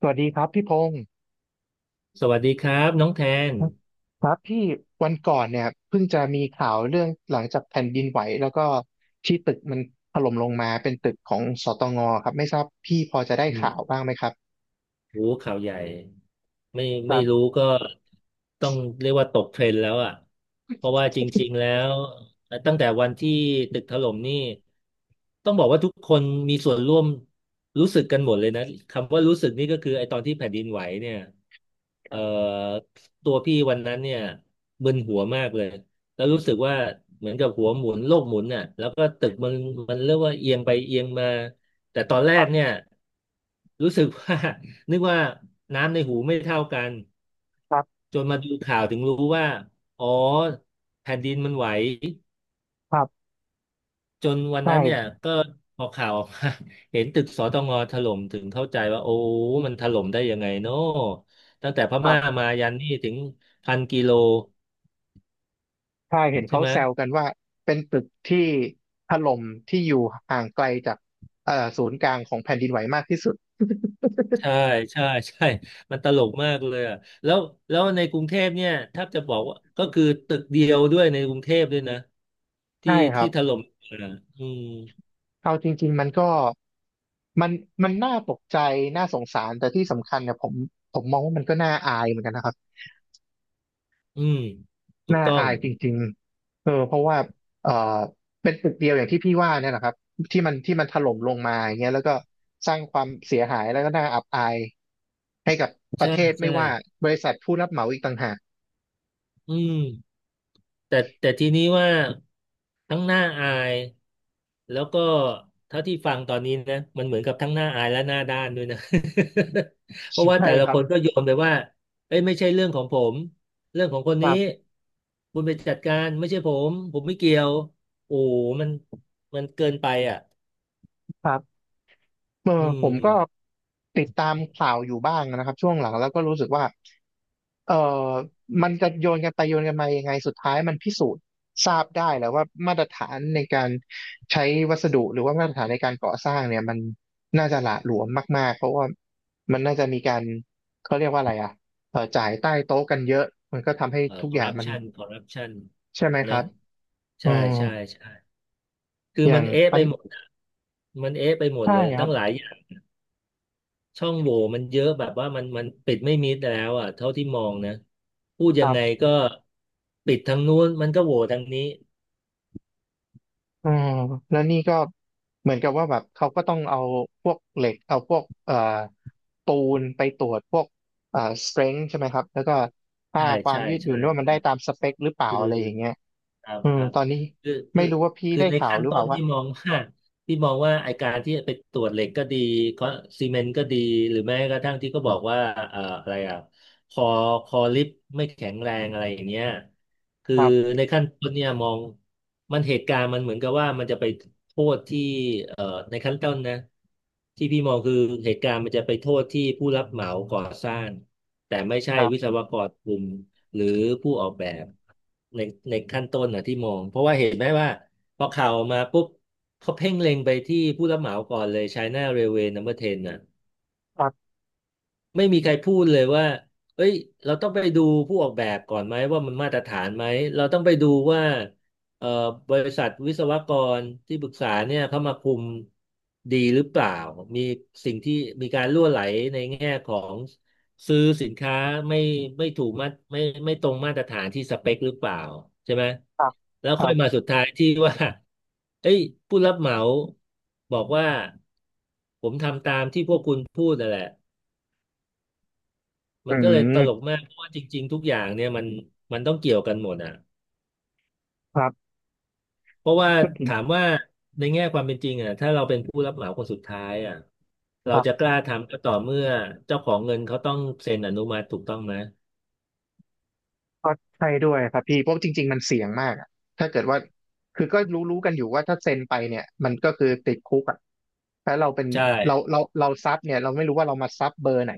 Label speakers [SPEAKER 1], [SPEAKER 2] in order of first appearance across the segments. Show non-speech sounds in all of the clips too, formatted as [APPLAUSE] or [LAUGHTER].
[SPEAKER 1] สวัสดีครับพี่พงศ์
[SPEAKER 2] สวัสดีครับน้องแทน
[SPEAKER 1] ครับพี่วันก่อนเนี่ยเพิ่งจะมีข่าวเรื่องหลังจากแผ่นดินไหวแล้วก็ที่ตึกมันถล่มลงมาเป็นตึกของสตงครับไม่ทราบพี่พอจะได้
[SPEAKER 2] อืม
[SPEAKER 1] ข่าวบ้างไหมครับ
[SPEAKER 2] โอ้โหข่าวใหญ่ ไม่
[SPEAKER 1] ค
[SPEAKER 2] ไม่
[SPEAKER 1] รั
[SPEAKER 2] รู้
[SPEAKER 1] บ
[SPEAKER 2] ก็ต้องเรียกว่าตกเทรนด์แล้วอ่ะเพราะว่าจริงๆแล้ว่ตั้งแต่วันที่ตึกถล่มนี่ต้องบอกว่าทุกคนมีส่วนร่วมรู้สึกกันหมดเลยนะคำว่ารู้สึกนี่ก็คือไอ้ตอนที่แผ่นดินไหวเนี่ย
[SPEAKER 1] ค
[SPEAKER 2] เอ่อ
[SPEAKER 1] รับ
[SPEAKER 2] ตัวพี่วันนั้นเนี่ยมึนหัวมากเลยแล้วรู้สึกว่าเหมือนกับหัวหมุนโลกหมุนน่ะแล้วก็ตึกมันเรียกว่าเอียงไปเอียงมาแต่ตอนแร
[SPEAKER 1] ครั
[SPEAKER 2] กเนี่ย
[SPEAKER 1] บ
[SPEAKER 2] รู้สึกว่า นึกว่าน้ำในหูไม่เท่ากันจนมาดูข่าวถึงรู้ว่าอ๋อแผ่นดินมันไหว
[SPEAKER 1] ครับ
[SPEAKER 2] จนวันนั้นเนี่ย
[SPEAKER 1] ใช่
[SPEAKER 2] ก็พอข่าวออกมา [LAUGHS] เห็นตึกสตงถล่มถึงเข้าใจว่าโอ้มันถล่มได้ยังไงเนาะตั้งแต่พ
[SPEAKER 1] ครั
[SPEAKER 2] ม่า
[SPEAKER 1] บ
[SPEAKER 2] มายันนี่ถึงพันกิโล
[SPEAKER 1] ใช่เห็น
[SPEAKER 2] ใช่
[SPEAKER 1] เขา
[SPEAKER 2] ไหม
[SPEAKER 1] แซวกันว่าเป็นตึกที่ถล่มที่อยู่ห่างไกลจากศูนย์กลางของแผ่นดินไหวมากที่สุด
[SPEAKER 2] ใช่ใช่ใช่มันตลกมากเลยอะแล้วแล้วในกรุงเทพเนี่ยถ้าจะบอกว่าก็คือตึกเดียวด้วยในกรุงเทพด้วยนะที่
[SPEAKER 1] ใช่ครั
[SPEAKER 2] ที่
[SPEAKER 1] บ
[SPEAKER 2] ถล่มอะอืม
[SPEAKER 1] เอาจริงๆมันก็มันมันน่าตกใจน่าสงสารแต่ที่สำคัญเนี่ยผมมองว่ามันก็น่าอายเหมือนกันนะครับ
[SPEAKER 2] อืมถูก
[SPEAKER 1] น่า
[SPEAKER 2] ต้อง
[SPEAKER 1] อายจริงๆเออเพราะว่าเออเป็นตึกเดียวอย่างที่พี่ว่าเนี่ยนะครับที่มันถล่มลงมาอย่างเงี้ยแล้วก็สร้างความเสียหายแล้วก็น่าอับอายให้กับประ
[SPEAKER 2] ใช่
[SPEAKER 1] เทศไม่
[SPEAKER 2] ใช่
[SPEAKER 1] ว่าบริษัทผู้รับเหมาอีกต่างหาก
[SPEAKER 2] อืมแต่ทีนี้ว่าทั้งหน้าอายแล้วก็เท่าที่ฟังตอนนี้นะมันเหมือนกับทั้งหน้าอายและหน้าด้านด้วยนะ [LAUGHS] เพราะว่า
[SPEAKER 1] ใช่
[SPEAKER 2] แต่ละ
[SPEAKER 1] ครั
[SPEAKER 2] ค
[SPEAKER 1] บ
[SPEAKER 2] นก็โยนไปว่าเอ้ยไม่ใช่เรื่องของผมเรื่องของคน
[SPEAKER 1] ค
[SPEAKER 2] นี้
[SPEAKER 1] รับ
[SPEAKER 2] คุณไปจัดการไม่ใช่ผมผมไม่เกี่ยวโอ้โหมันมันเกินไปอ่ะ
[SPEAKER 1] ครับเออ
[SPEAKER 2] อื
[SPEAKER 1] ผมก็
[SPEAKER 2] ม
[SPEAKER 1] ติดตามข่าวอยู่บ้างนะครับช่วงหลังแล้วก็รู้สึกว่า เอ่อมันจะโยนกันไปโยนกันมายังไงสุดท้ายมันพิสูจน์ทราบได้แล้วว่ามาตรฐานในการใช้วัสดุหรือว่ามาตรฐานในการก่อสร้างเนี่ยมันน่าจะหละหลวมมากๆเพราะว่ามันน่าจะมีการเขาเรียกว่าอะไรอ่ะจ่ายใต้โต๊ะกันเยอะมันก็ทำให้ทุก
[SPEAKER 2] ค
[SPEAKER 1] อ
[SPEAKER 2] อร์
[SPEAKER 1] ย่าง
[SPEAKER 2] รัป
[SPEAKER 1] มัน
[SPEAKER 2] ชันคอร์รัปชัน
[SPEAKER 1] ใช่ไหมค
[SPEAKER 2] เน
[SPEAKER 1] รั
[SPEAKER 2] อะ
[SPEAKER 1] บอื
[SPEAKER 2] ใช่
[SPEAKER 1] ม
[SPEAKER 2] ใช่ใช่ คือ
[SPEAKER 1] อย่า
[SPEAKER 2] มั
[SPEAKER 1] ง
[SPEAKER 2] นเอ๊ะ
[SPEAKER 1] ปั
[SPEAKER 2] ไป
[SPEAKER 1] ญ
[SPEAKER 2] หมดอะมันเอ๊ะไปหมด
[SPEAKER 1] ใช่
[SPEAKER 2] เลย
[SPEAKER 1] คร
[SPEAKER 2] ตั้งหลายอย่างช่องโหว่มันเยอะแบบว่ามันปิดไม่มิดแล้วอ่ะเท่าที่มองนะพูดยัง
[SPEAKER 1] ับ
[SPEAKER 2] ไงก็ปิดทางนู้นมันก็โหว่ทางนี้
[SPEAKER 1] อ่าแล้วนี่ก็เหมือนกับว่าแบบเขาก็ต้องเอาพวกเหล็กเอาพวกปูนไปตรวจพวกเอ่อ strength ใช่ไหมครับแล้วก็ค่า
[SPEAKER 2] ใช่
[SPEAKER 1] ความ
[SPEAKER 2] ใช่
[SPEAKER 1] ยืดหยุ่
[SPEAKER 2] ใช่
[SPEAKER 1] นว่ามัน
[SPEAKER 2] ใช่
[SPEAKER 1] ได้ตามสเปคหรือเปล่า
[SPEAKER 2] คือ
[SPEAKER 1] อะไรอย่างเงี้ย
[SPEAKER 2] ครับ
[SPEAKER 1] อื
[SPEAKER 2] ค
[SPEAKER 1] ม
[SPEAKER 2] รับ
[SPEAKER 1] ตอนนี้
[SPEAKER 2] คือคื
[SPEAKER 1] ไม่
[SPEAKER 2] อ
[SPEAKER 1] รู้ว่าพี่
[SPEAKER 2] คือ
[SPEAKER 1] ได้
[SPEAKER 2] ใน
[SPEAKER 1] ข่าว
[SPEAKER 2] ขั้น
[SPEAKER 1] หรือเป
[SPEAKER 2] ต้
[SPEAKER 1] ล่า
[SPEAKER 2] น
[SPEAKER 1] ว่า
[SPEAKER 2] ที่มอง [LAUGHS] ว่าที่มองว่าไอการที่ไปตรวจเหล็กก็ดีคอซีเมนต์ก็ดีหรือแม้กระทั่งที่ก็บอกว่าอะไรอ่ะคอคอลิฟต์ไม่แข็งแรงอะไรอย่างเงี้ยคื
[SPEAKER 1] ค
[SPEAKER 2] อ
[SPEAKER 1] รับ
[SPEAKER 2] ในขั้นต้นเนี่ยมองมันเหตุการณ์มันเหมือนกับว่ามันจะไปโทษที่เอ่อในขั้นต้นนะที่พี่มองคือเหตุการณ์มันจะไปโทษที่ผู้รับเหมาก่อสร้างแต่ไม่ใช่
[SPEAKER 1] ครั
[SPEAKER 2] วิศ
[SPEAKER 1] บ
[SPEAKER 2] วกรกลุ่ม หรือผู้ออกแบบในขั้นต้นนะที่มองเพราะว่าเห็นไหมว่าพอข่าวออกมาปุ๊บเขาเพ่งเล็งไปที่ผู้รับเหมาก่อนเลย China Railway Number 10น่ะ
[SPEAKER 1] ครับ
[SPEAKER 2] ไม่มีใครพูดเลยว่าเอ้ยเราต้องไปดูผู้ออกแบบก่อนไหมว่ามันมาตรฐานไหมเราต้องไปดูว่าเอ่อบริษัทวิศวกรที่ปรึกษาเนี่ยเขามาคุมดีหรือเปล่ามีสิ่งที่มีการรั่วไหลในแง่ของซื้อสินค้าไม่ไม่ถูกมาตรไม่ตรงมาตรฐานที่สเปคหรือเปล่าใช่ไหม
[SPEAKER 1] ครับ
[SPEAKER 2] แล้ว
[SPEAKER 1] ค
[SPEAKER 2] ค่
[SPEAKER 1] รั
[SPEAKER 2] อยมา
[SPEAKER 1] บ
[SPEAKER 2] สุดท้ายที่ว่า [LAUGHS] เอ้ยผู้รับเหมาบอกว่าผมทำตามที่พวกคุณพูดนั่นแหละ มั
[SPEAKER 1] อื
[SPEAKER 2] นก็เลยตลก
[SPEAKER 1] ม
[SPEAKER 2] มากเพราะว่าจริงๆทุกอย่างเนี่ยมันต้องเกี่ยวกันหมดอ่ะ
[SPEAKER 1] ค
[SPEAKER 2] เพราะว่าถามว่าในแง่ความเป็นจริงอ่ะถ้าเราเป็นผู้รับเหมาคนสุดท้ายอ่ะเรา
[SPEAKER 1] รับ
[SPEAKER 2] จะกล้าทำก็ต่อเมื่อเจ้าของเงินเขาต้องเซ็นอนุมัติถูกต้องไหม
[SPEAKER 1] ก็ใช่ด้วยครับพี่เพราะจริงๆมันเสี่ยงมากอะถ้าเกิดว่าคือก็รู้กันอยู่ว่าถ้าเซ็นไปเนี่ยมันก็คือติดคุกอ่ะถ้าเราเป็น
[SPEAKER 2] ใช่
[SPEAKER 1] เราซับเนี่ยเราไม่รู้ว่าเรามาซับเบอร์ไหน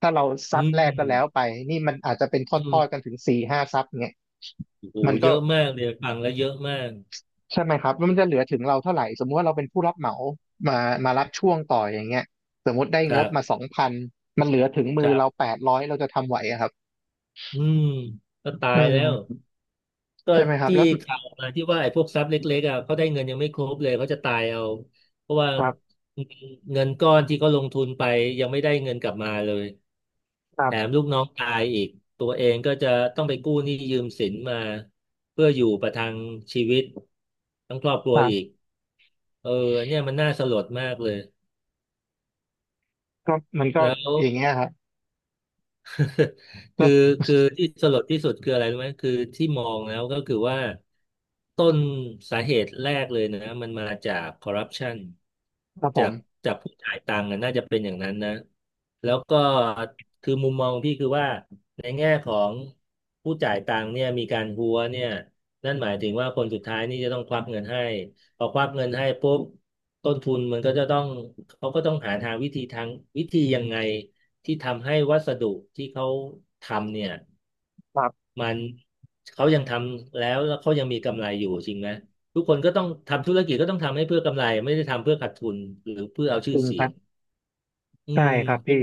[SPEAKER 1] ถ้าเรา
[SPEAKER 2] อื
[SPEAKER 1] ซับ
[SPEAKER 2] ม
[SPEAKER 1] แรกก็แล้วไปนี่มันอาจจะเป็น
[SPEAKER 2] อื
[SPEAKER 1] ทอดๆกัน
[SPEAKER 2] ม
[SPEAKER 1] ถึงสี่ห้าซับเนี่ย
[SPEAKER 2] โอ้โห
[SPEAKER 1] มัน
[SPEAKER 2] เย
[SPEAKER 1] ก็
[SPEAKER 2] อะมากเลยฟังแล้วเยอะมาก
[SPEAKER 1] ใช่ไหมครับแล้วมันจะเหลือถึงเราเท่าไหร่สมมุติว่าเราเป็นผู้รับเหมามามารับช่วงต่ออย่างเงี้ยสมมติได้
[SPEAKER 2] ค
[SPEAKER 1] ง
[SPEAKER 2] รั
[SPEAKER 1] บมา
[SPEAKER 2] บ
[SPEAKER 1] สองพันมันเหลือถึงมื
[SPEAKER 2] ค
[SPEAKER 1] อ
[SPEAKER 2] รั
[SPEAKER 1] เรา
[SPEAKER 2] บ
[SPEAKER 1] แปดร้อยเราจะทำไหวอะครับ
[SPEAKER 2] อืมก็ตา
[SPEAKER 1] อื
[SPEAKER 2] ยแล้ว
[SPEAKER 1] ม
[SPEAKER 2] ก็
[SPEAKER 1] ใช่ไหมครับ
[SPEAKER 2] ที่
[SPEAKER 1] แล้วสุด
[SPEAKER 2] ข่าวมาที่ว่าไอ้พวกทรัพย์เล็กๆอ่ะเขาได้เงินยังไม่ครบเลยเขาจะตายเอาเพราะว่า
[SPEAKER 1] ครับ
[SPEAKER 2] เงินก้อนที่เขาลงทุนไปยังไม่ได้เงินกลับมาเลย
[SPEAKER 1] ครั
[SPEAKER 2] แถม
[SPEAKER 1] บ
[SPEAKER 2] ลูกน้องตายอีกตัวเองก็จะต้องไปกู้หนี้ยืมสินมาเพื่ออยู่ประทังชีวิตทั้งครอบครัวอีกเออเนี่ยมันน่าสลดมากเลย
[SPEAKER 1] ก็มันก็
[SPEAKER 2] แล้ว
[SPEAKER 1] อย่างเงี้ยครับ
[SPEAKER 2] [LAUGHS]
[SPEAKER 1] แล้
[SPEAKER 2] คือ
[SPEAKER 1] ว
[SPEAKER 2] คือที่สลดที่สุดคืออะไรรู้ไหมคือที่มองแล้วก็คือว่าต้นสาเหตุแรกเลยนะมันมาจากคอร์รัปชัน
[SPEAKER 1] ครับผ
[SPEAKER 2] จา
[SPEAKER 1] ม
[SPEAKER 2] กจากผู้จ่ายตังค์นะน่าจะเป็นอย่างนั้นนะแล้วก็คือมุมมองพี่คือว่าในแง่ของผู้จ่ายตังค์เนี่ยมีการหัวเนี่ยนั่นหมายถึงว่าคนสุดท้ายนี่จะต้องควักเงินให้พอควักเงินให้ปุ๊บต้นทุนมันก็จะต้องเขาก็ต้องหาทางวิธียังไง ที่ทำให้วัสดุที่เขาทำเนี่ย
[SPEAKER 1] ครับ
[SPEAKER 2] มันเขายังทำแล้วแล้วเขายังมีกำไรอยู่จริงไหมทุกคนก็ต้องทำธุรกิจก็ต้องทำให้เพื่อกำไรไม่ได้ทำเพื่อขาดทุนหรือเพื่อเอา
[SPEAKER 1] จ
[SPEAKER 2] ชื่อ
[SPEAKER 1] ริง
[SPEAKER 2] เสี
[SPEAKER 1] ค
[SPEAKER 2] ย
[SPEAKER 1] รั
[SPEAKER 2] ง
[SPEAKER 1] บ
[SPEAKER 2] อื
[SPEAKER 1] ใช่ครับพี่
[SPEAKER 2] ม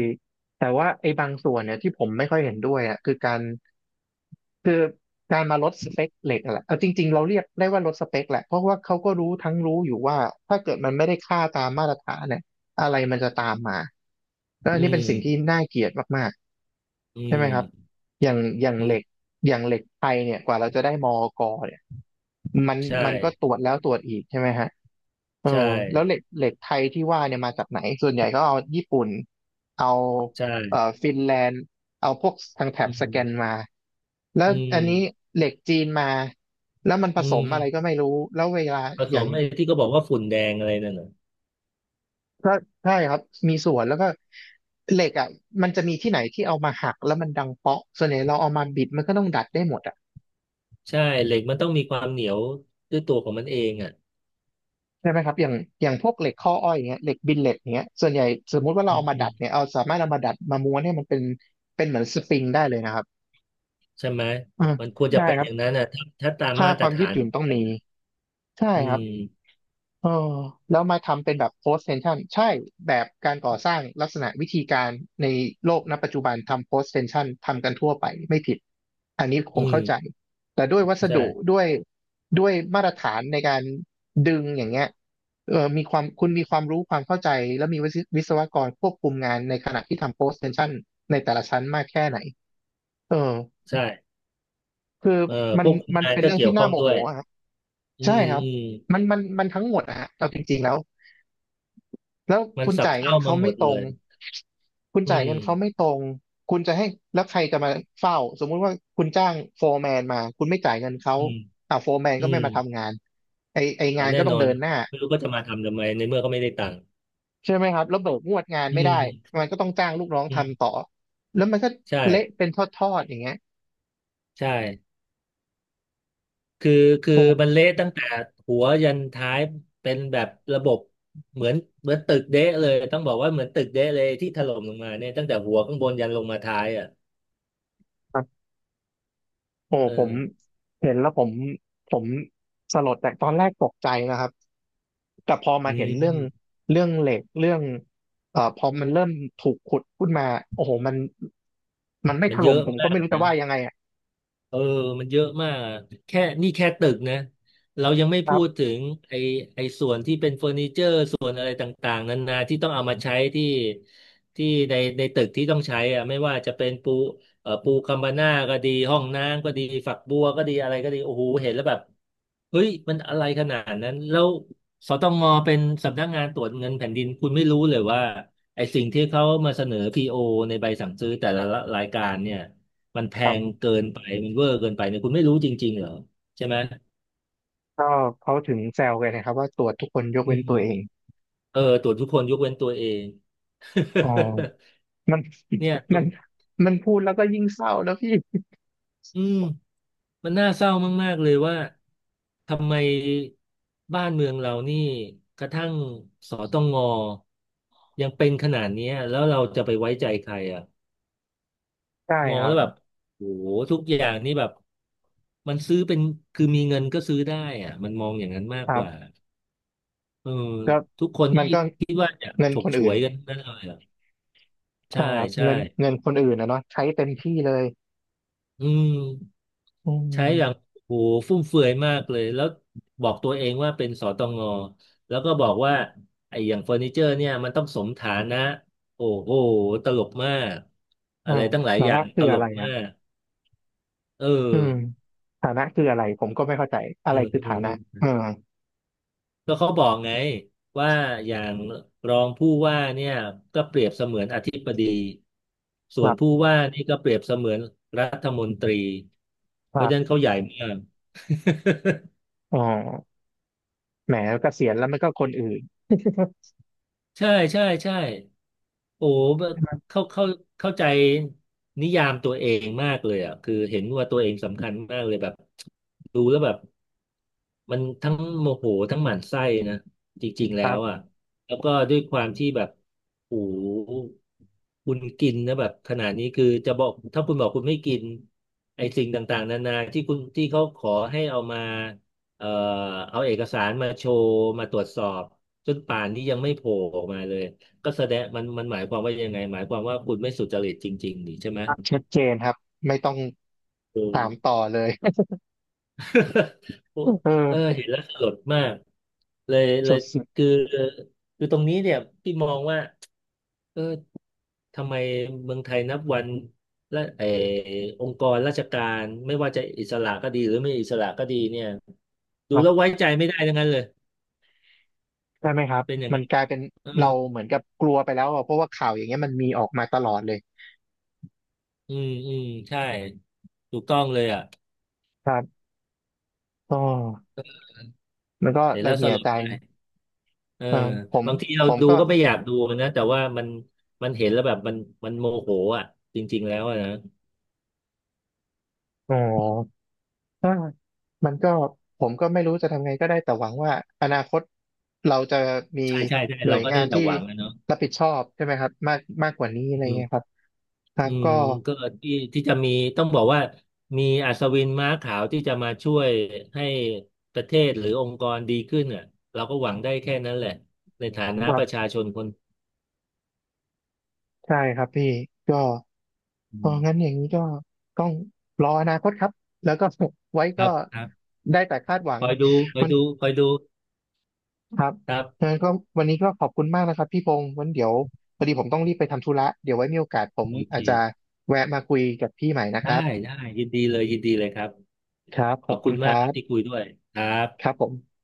[SPEAKER 1] แต่ว่าไอ้บางส่วนเนี่ยที่ผมไม่ค่อยเห็นด้วยอ่ะคือการคือการมาลดสเปคเหล็กอะแหละเอาจริงๆเราเรียกได้ว่าลดสเปคแหละเพราะว่าเขาก็รู้ทั้งรู้อยู่ว่าถ้าเกิดมันไม่ได้ค่าตามมาตรฐานเนี่ยอะไรมันจะตามมาก็อั
[SPEAKER 2] อื
[SPEAKER 1] นนี้
[SPEAKER 2] ม
[SPEAKER 1] เป็นสิ่งที่น่าเกลียดมาก
[SPEAKER 2] อื
[SPEAKER 1] ๆใช่ไหมครับ
[SPEAKER 2] ม
[SPEAKER 1] อย่าง
[SPEAKER 2] อื
[SPEAKER 1] เหล็ก
[SPEAKER 2] ม
[SPEAKER 1] อย่างเหล็กไทยเนี่ยกว่าเราจะได้มอกเนี่ยมัน
[SPEAKER 2] ใช่
[SPEAKER 1] มันก็ตรวจแล้วตรวจอีกใช่ไหมฮะ เออ
[SPEAKER 2] ใช่
[SPEAKER 1] แล้วเหล็กไทยที่ว่าเนี่ยมาจากไหนส่วนใหญ่ก็เอาญี่ปุ่นเอา
[SPEAKER 2] ใช่
[SPEAKER 1] ฟินแลนด์เอาพวกทางแถบ
[SPEAKER 2] อื
[SPEAKER 1] สแกน
[SPEAKER 2] ม
[SPEAKER 1] มาแล้ว
[SPEAKER 2] อื
[SPEAKER 1] อันนี้
[SPEAKER 2] ม
[SPEAKER 1] เหล็กจีนมาแล้วมันผ
[SPEAKER 2] อื
[SPEAKER 1] สมอะไร
[SPEAKER 2] ม
[SPEAKER 1] ก็ไม่รู้แล้วเวลา
[SPEAKER 2] ผ
[SPEAKER 1] อ
[SPEAKER 2] ส
[SPEAKER 1] ย่า
[SPEAKER 2] ม
[SPEAKER 1] ง
[SPEAKER 2] ไอ้ที่ก็บอกว่าฝุ่นแดงอะไรนั่นน่ะ
[SPEAKER 1] ก็ใช่ครับมีส่วนแล้วก็เหล็กอ่ะมันจะมีที่ไหนที่เอามาหักแล้วมันดังเปาะส่วนใหญ่เราเอามาบิดมันก็ต้องดัดได้หมดอ่ะ
[SPEAKER 2] ใช่เหล็กมันต้องมีความเหนียวด้วยตัวของมันเองอ่ะ
[SPEAKER 1] ใช่ไหมครับอย่างพวกเหล็กข้ออ้อยอย่างเงี้ยเหล็กบิลเลตอย่างเงี้ยส่วนใหญ่สมมุติว่าเรา
[SPEAKER 2] อื
[SPEAKER 1] เอามาดัดเนี่
[SPEAKER 2] ม
[SPEAKER 1] ยเอาสามารถเอามาดัดมาม้วนให้มันเป็นเหมือนสปริงได้เลยนะครับ
[SPEAKER 2] ใช่ไหม
[SPEAKER 1] อืม
[SPEAKER 2] มันควรจะ
[SPEAKER 1] ใช่
[SPEAKER 2] เป็น
[SPEAKER 1] ครั
[SPEAKER 2] อ
[SPEAKER 1] บ
[SPEAKER 2] ย่างนั้นนะถ้าถ้าตาม
[SPEAKER 1] ค่า
[SPEAKER 2] มาต
[SPEAKER 1] ค
[SPEAKER 2] ร
[SPEAKER 1] วามยื
[SPEAKER 2] ฐา
[SPEAKER 1] ดห
[SPEAKER 2] น
[SPEAKER 1] ยุ่นต้อง
[SPEAKER 2] น่ะ
[SPEAKER 1] มีใช่
[SPEAKER 2] อื
[SPEAKER 1] ครับ
[SPEAKER 2] ม
[SPEAKER 1] เออแล้วมาทำเป็นแบบ post tension ใช่แบบการก่อสร้างลักษณะวิธีการในโลกณปัจจุบันทำ post tension ทำกันทั่วไปไม่ผิดอันนี้ผ
[SPEAKER 2] อื
[SPEAKER 1] มเข้าใจ
[SPEAKER 2] ม
[SPEAKER 1] แต่ด้วยวัส
[SPEAKER 2] ใช่
[SPEAKER 1] ดุด้วยมาตรฐานในการดึงอย่างเงี้ยเออมีความคุณมีความรู้ความเข้าใจแล้วมีวิศวกรควบคุมงานในขณะที่ทำ post tension ในแต่ละชั้นมากแค่ไหนเออ
[SPEAKER 2] ใช่
[SPEAKER 1] คือมั
[SPEAKER 2] ค
[SPEAKER 1] น
[SPEAKER 2] วบคุม
[SPEAKER 1] มัน
[SPEAKER 2] งาน
[SPEAKER 1] เป็น
[SPEAKER 2] ก็
[SPEAKER 1] เรื่อง
[SPEAKER 2] เกี่ย
[SPEAKER 1] ที่
[SPEAKER 2] วข้
[SPEAKER 1] น่า
[SPEAKER 2] อง
[SPEAKER 1] โม
[SPEAKER 2] ด้
[SPEAKER 1] โห
[SPEAKER 2] วย
[SPEAKER 1] อะฮะ
[SPEAKER 2] อื
[SPEAKER 1] ใช่
[SPEAKER 2] ม
[SPEAKER 1] ครับ
[SPEAKER 2] อืม
[SPEAKER 1] มันทั้งหมดอะฮะเอาจริงๆแล้ว แล้ว
[SPEAKER 2] มันสับเข้ามาหมดเลย
[SPEAKER 1] คุณ
[SPEAKER 2] อื
[SPEAKER 1] จ่ายเงินเขาไม่
[SPEAKER 2] ม
[SPEAKER 1] ตรงคุณจะให้แล้วใครจะมาเฝ้าสมมุติว่าคุณจ้างโฟร์แมนมา คุณไม่จ่ายเงินเขา
[SPEAKER 2] อืม
[SPEAKER 1] โฟร์แมน
[SPEAKER 2] อื
[SPEAKER 1] ก็ไม่
[SPEAKER 2] ม
[SPEAKER 1] มาทำงานไอไองา
[SPEAKER 2] เอา
[SPEAKER 1] น
[SPEAKER 2] แน่
[SPEAKER 1] ก็ต้อ
[SPEAKER 2] น
[SPEAKER 1] ง
[SPEAKER 2] อน
[SPEAKER 1] เดินหน้า
[SPEAKER 2] ไม่รู้ก็จะมาทำทำไมในเมื่อก็ไม่ได้ตังค์
[SPEAKER 1] ใช่ไหมครับแล้วเบิกงวดงาน
[SPEAKER 2] อื
[SPEAKER 1] ไม่ได้
[SPEAKER 2] ม
[SPEAKER 1] มันก็ต้องจ้างลูกน้อง
[SPEAKER 2] อื
[SPEAKER 1] ทำต่
[SPEAKER 2] ม
[SPEAKER 1] อแล้วมันก็เละ
[SPEAKER 2] ใช่
[SPEAKER 1] เป็นทอดๆอย่างเงี้ย
[SPEAKER 2] ใช่คือคือ
[SPEAKER 1] โอ
[SPEAKER 2] มัน
[SPEAKER 1] ้
[SPEAKER 2] เละตั้งแต่หัวยันท้ายเป็นแบบระบบเหมือนเหมือนตึกเดะเลยต้องบอกว่าเหมือนตึกเดะเลยที่ถล่มลงมาเนี่ยตั้งแต่หัวข้างบนยันลงมาท้ายอ่ะ
[SPEAKER 1] ครับโอ้
[SPEAKER 2] เอ
[SPEAKER 1] ผม
[SPEAKER 2] อ
[SPEAKER 1] เห็นแล้วผมผมสลดแต่ตอนแรกตกใจนะครับ แต่พอมา
[SPEAKER 2] อื
[SPEAKER 1] เห็นเรื่อง
[SPEAKER 2] ม
[SPEAKER 1] เรื่องเหล็กเรื่องพอมันเริ่มถูกขุดขึ้นมาโอ้โหมันไม่
[SPEAKER 2] มั
[SPEAKER 1] ถ
[SPEAKER 2] นเย
[SPEAKER 1] ล่ม
[SPEAKER 2] อะ
[SPEAKER 1] ผมก็
[SPEAKER 2] มาก
[SPEAKER 1] ไม่รู้จะ
[SPEAKER 2] นะ
[SPEAKER 1] ว่ายังไงอ่ะ
[SPEAKER 2] เออมันเยอะมากแค่นี่แค่ตึกนะเรายังไม่
[SPEAKER 1] ค
[SPEAKER 2] พู
[SPEAKER 1] รั
[SPEAKER 2] ดถึ
[SPEAKER 1] บ
[SPEAKER 2] งไอไอส่วนที่เป็นเฟอร์นิเจอร์ส่วนอะไรต่างๆนานาที่ต้องเอามาใช้ที่ที่ในในตึกที่ต้องใช้อะไม่ว่าจะเป็นปูปูคัมบาน่าก็ดี ห้องน้ำก็ดี ฝักบัวก็ดี อะไรก็ดี โอ้โห เห็นแล้วแบบเฮ้ยมันอะไรขนาดนั้น แล้วสตงเป็นสำนักงานตรวจเงินแผ่นดิน คุณไม่รู้เลยว่าไอสิ่งที่เขามาเสนอพีโอในใบสั่งซื้อแต่ละรายการเนี่ย มันแพ
[SPEAKER 1] ครั
[SPEAKER 2] ง
[SPEAKER 1] บ
[SPEAKER 2] เกินไปมันเวอร์เกินไปเนี่ยคุณไม่รู้จริงๆเหรอใช่ไหม
[SPEAKER 1] ก็เขาถึงแซวกันนะครับว่าตรวจทุกคนยก
[SPEAKER 2] อื
[SPEAKER 1] เว้นตัวเอง
[SPEAKER 2] มเออตรวจทุกคนยกเว้นตัวเอง
[SPEAKER 1] อ๋อมัน
[SPEAKER 2] [LAUGHS] เนี่ยตั
[SPEAKER 1] มั
[SPEAKER 2] ว
[SPEAKER 1] นมันพูดแล้วก็ยิ่งเศร้านะพี่
[SPEAKER 2] อืมมันน่าเศร้ามากๆเลยว่าทำไมบ้านเมืองเรานี่กระทั่งสตงยังเป็นขนาดเนี้ยแล้วเราจะไปไว้ใจใครอ่ะ
[SPEAKER 1] ใช่
[SPEAKER 2] มอ
[SPEAKER 1] ค
[SPEAKER 2] ง
[SPEAKER 1] รั
[SPEAKER 2] แล้
[SPEAKER 1] บ
[SPEAKER 2] วแบบโอ้โหทุกอย่างนี่แบบมันซื้อเป็นคือมีเงินก็ซื้อได้อ่ะมันมองอย่างนั้นมา
[SPEAKER 1] ค
[SPEAKER 2] ก
[SPEAKER 1] รั
[SPEAKER 2] กว่า
[SPEAKER 1] บ
[SPEAKER 2] เออ
[SPEAKER 1] ก็
[SPEAKER 2] ทุกคน
[SPEAKER 1] มั
[SPEAKER 2] ที่
[SPEAKER 1] นก็
[SPEAKER 2] คิดว่าจะ
[SPEAKER 1] เงิน
[SPEAKER 2] ฉ
[SPEAKER 1] ค
[SPEAKER 2] ก
[SPEAKER 1] น
[SPEAKER 2] ฉ
[SPEAKER 1] อื่
[SPEAKER 2] ว
[SPEAKER 1] น
[SPEAKER 2] ยกันทั้งนั่นเลยอ่ะ
[SPEAKER 1] ค
[SPEAKER 2] ใช่
[SPEAKER 1] รับ
[SPEAKER 2] ใช่
[SPEAKER 1] เงินคนอื่นนะเนาะใช้เต็มที่เลย
[SPEAKER 2] อืม
[SPEAKER 1] อื
[SPEAKER 2] ใช้อย่าง
[SPEAKER 1] ม
[SPEAKER 2] โหฟุ่มเฟือยมากเลยแล้วบอกตัวเองว่าเป็นสตงแล้วก็บอกว่าไอ้อย่างเฟอร์นิเจอร์เนี่ยมันต้องสมฐานะโอ้โหตลกมาก
[SPEAKER 1] เอ
[SPEAKER 2] อะ
[SPEAKER 1] อ
[SPEAKER 2] ไรตั้งหลาย
[SPEAKER 1] แต่
[SPEAKER 2] อย่า
[SPEAKER 1] ว่า
[SPEAKER 2] ง
[SPEAKER 1] คื
[SPEAKER 2] ต
[SPEAKER 1] อ
[SPEAKER 2] ล
[SPEAKER 1] อะไร
[SPEAKER 2] ก
[SPEAKER 1] อ่ะ
[SPEAKER 2] มากเอ
[SPEAKER 1] อืม
[SPEAKER 2] อ
[SPEAKER 1] ฐานะคืออะไรผมก็ไม่เข้าใจอะ
[SPEAKER 2] เอ
[SPEAKER 1] ไร
[SPEAKER 2] อ
[SPEAKER 1] คื
[SPEAKER 2] เอ
[SPEAKER 1] อฐานะ
[SPEAKER 2] อ
[SPEAKER 1] อืม
[SPEAKER 2] ก็เขาบอกไงว่าอย่างรองผู้ว่าเนี่ยก็เปรียบเสมือนอธิบดีส่
[SPEAKER 1] ค
[SPEAKER 2] วน
[SPEAKER 1] รั
[SPEAKER 2] ผู้
[SPEAKER 1] บ
[SPEAKER 2] ว่านี่ก็เปรียบเสมือนรัฐมนตรี
[SPEAKER 1] ค
[SPEAKER 2] เพ
[SPEAKER 1] รั
[SPEAKER 2] ราะฉะนั้น
[SPEAKER 1] บ
[SPEAKER 2] เขาใหญ่มาก [LAUGHS]
[SPEAKER 1] อ๋อแหมเกษียณแล้วมันก็คนอื่น
[SPEAKER 2] ใช่ใช่ใช่โอ้
[SPEAKER 1] [LAUGHS]
[SPEAKER 2] เข้าเข้าเข้าใจนิยามตัวเองมากเลยอ่ะคือเห็นว่าตัวเองสำคัญมากเลยแบบดูแล้วแบบมันทั้งโมโหทั้งหมั่นไส้นะจริงๆ
[SPEAKER 1] ค
[SPEAKER 2] แล้
[SPEAKER 1] รั
[SPEAKER 2] วอ่ะ
[SPEAKER 1] บ
[SPEAKER 2] แล้วก็ด้วยความที่แบบโอ้โห คุณกินนะแบบขนาดนี้คือจะบอกถ้าคุณบอกคุณไม่กินไอ้สิ่งต่างๆนานาที่คุณที่เขาขอให้เอามาเอ่อเอาเอกสารมาโชว์มาตรวจสอบจนป่านนี้ยังไม่โผล่ออกมาเลยก็แสดงมันมันหมายความว่ายังไงหมายความว่าคุณไม่สุจริตจริงๆนี่ใช่ไหม
[SPEAKER 1] ชัดเจนครับไม่ต้อง
[SPEAKER 2] เออ
[SPEAKER 1] ถามต่อเลย
[SPEAKER 2] [LAUGHS] โอ้
[SPEAKER 1] [LAUGHS] เออ
[SPEAKER 2] [LAUGHS] เออเห็นแล้วสลดมากเลยเล
[SPEAKER 1] สุ
[SPEAKER 2] ย
[SPEAKER 1] ดสุด
[SPEAKER 2] คือคือตรงนี้เนี่ยพี่มองว่าเออ ทำไมเมืองไทยนับวันและเออองค์กรราชการไม่ว่าจะอิสระก็ดีหรือไม่อิสระก็ดีเนี่ย
[SPEAKER 1] ค
[SPEAKER 2] ดู
[SPEAKER 1] รั
[SPEAKER 2] แล้ว
[SPEAKER 1] บ
[SPEAKER 2] ไว้ใจไม่ได้ทั้งนั้นเลย
[SPEAKER 1] ใช่ไหมครับ
[SPEAKER 2] เป็นอย่าง
[SPEAKER 1] มัน
[SPEAKER 2] นั้น
[SPEAKER 1] กลายเป็น
[SPEAKER 2] เออ
[SPEAKER 1] เราเหมือนกับกลัวไปแล้วอะเพราะว่าข่าวอย่างเงี้ยมันมีออกมาตลอดเลย
[SPEAKER 2] อืมอืมใช่ถูกต้องเลยอ่ะ
[SPEAKER 1] ครับก็มันก็
[SPEAKER 2] เห็นแล้
[SPEAKER 1] ระ
[SPEAKER 2] วส
[SPEAKER 1] เหี่ย
[SPEAKER 2] ลด
[SPEAKER 1] ใจ
[SPEAKER 2] ใจเออ
[SPEAKER 1] เออผม
[SPEAKER 2] บางทีเราดู
[SPEAKER 1] ก็
[SPEAKER 2] ก็ไม่อยากดูนะแต่ว่ามันมันเห็นแล้วแบบมันมันโมโหอ่ะจริงๆแล้วอะนะ
[SPEAKER 1] อ๋อ ถ้ามันก็ผมก็ไม่รู้จะทำไงก็ได้แต่หวังว่าอนาคตเราจะมี
[SPEAKER 2] ใช่ใช่ใช่
[SPEAKER 1] หน่
[SPEAKER 2] เรา
[SPEAKER 1] วย
[SPEAKER 2] ก็
[SPEAKER 1] งา
[SPEAKER 2] ได้
[SPEAKER 1] น
[SPEAKER 2] แต่
[SPEAKER 1] ที่
[SPEAKER 2] หวังนะเนาะ
[SPEAKER 1] รับผิดชอบใช่ไหมครับมากมากกว่านี้อะไรเงี้ยครับครั
[SPEAKER 2] อื
[SPEAKER 1] บ
[SPEAKER 2] ม
[SPEAKER 1] ก็
[SPEAKER 2] ก็ที่ที่จะมีต้องบอกว่ามีอัศวินม้าขาวที่จะมาช่วยให้ประเทศหรือองค์กรดีขึ้นอ่ะเราก็หวังได้แค่นั้นแหละในฐานะ
[SPEAKER 1] ครั
[SPEAKER 2] ประ
[SPEAKER 1] บ
[SPEAKER 2] ชาชนคน
[SPEAKER 1] ใช่ครับพี่ก็เอ
[SPEAKER 2] อื
[SPEAKER 1] องั้น
[SPEAKER 2] ม
[SPEAKER 1] อย่างนี้ก็ต้องรออนาคตครับแล้วก็ [LAUGHS] ไว้
[SPEAKER 2] ค
[SPEAKER 1] ก็
[SPEAKER 2] รับครับ
[SPEAKER 1] ได้แต่คาดหวั
[SPEAKER 2] ค
[SPEAKER 1] ง
[SPEAKER 2] อยดูคอย
[SPEAKER 1] มัน
[SPEAKER 2] ดูคอยดู
[SPEAKER 1] ครับ
[SPEAKER 2] ครับ
[SPEAKER 1] งั้นก็วันนี้ก็ขอบคุณมากนะครับพี่พงศ์วันเดี๋ยวพอดีผมต้องรีบไปทำธุระเดี๋ยวไว้มีโอกาสผม
[SPEAKER 2] โอเค
[SPEAKER 1] อาจจะแวะมาคุยกับพี่ใหม่นะค
[SPEAKER 2] ได้
[SPEAKER 1] รับ
[SPEAKER 2] ได้ยินดีเลยยินดีเลยครับ
[SPEAKER 1] ครับ ข
[SPEAKER 2] ข
[SPEAKER 1] อ
[SPEAKER 2] อ
[SPEAKER 1] บ
[SPEAKER 2] บ
[SPEAKER 1] คุ
[SPEAKER 2] คุ
[SPEAKER 1] ณ
[SPEAKER 2] ณ
[SPEAKER 1] ค
[SPEAKER 2] มาก
[SPEAKER 1] รั
[SPEAKER 2] ครับที่
[SPEAKER 1] บ
[SPEAKER 2] คุยด้วยครับ
[SPEAKER 1] ครับผม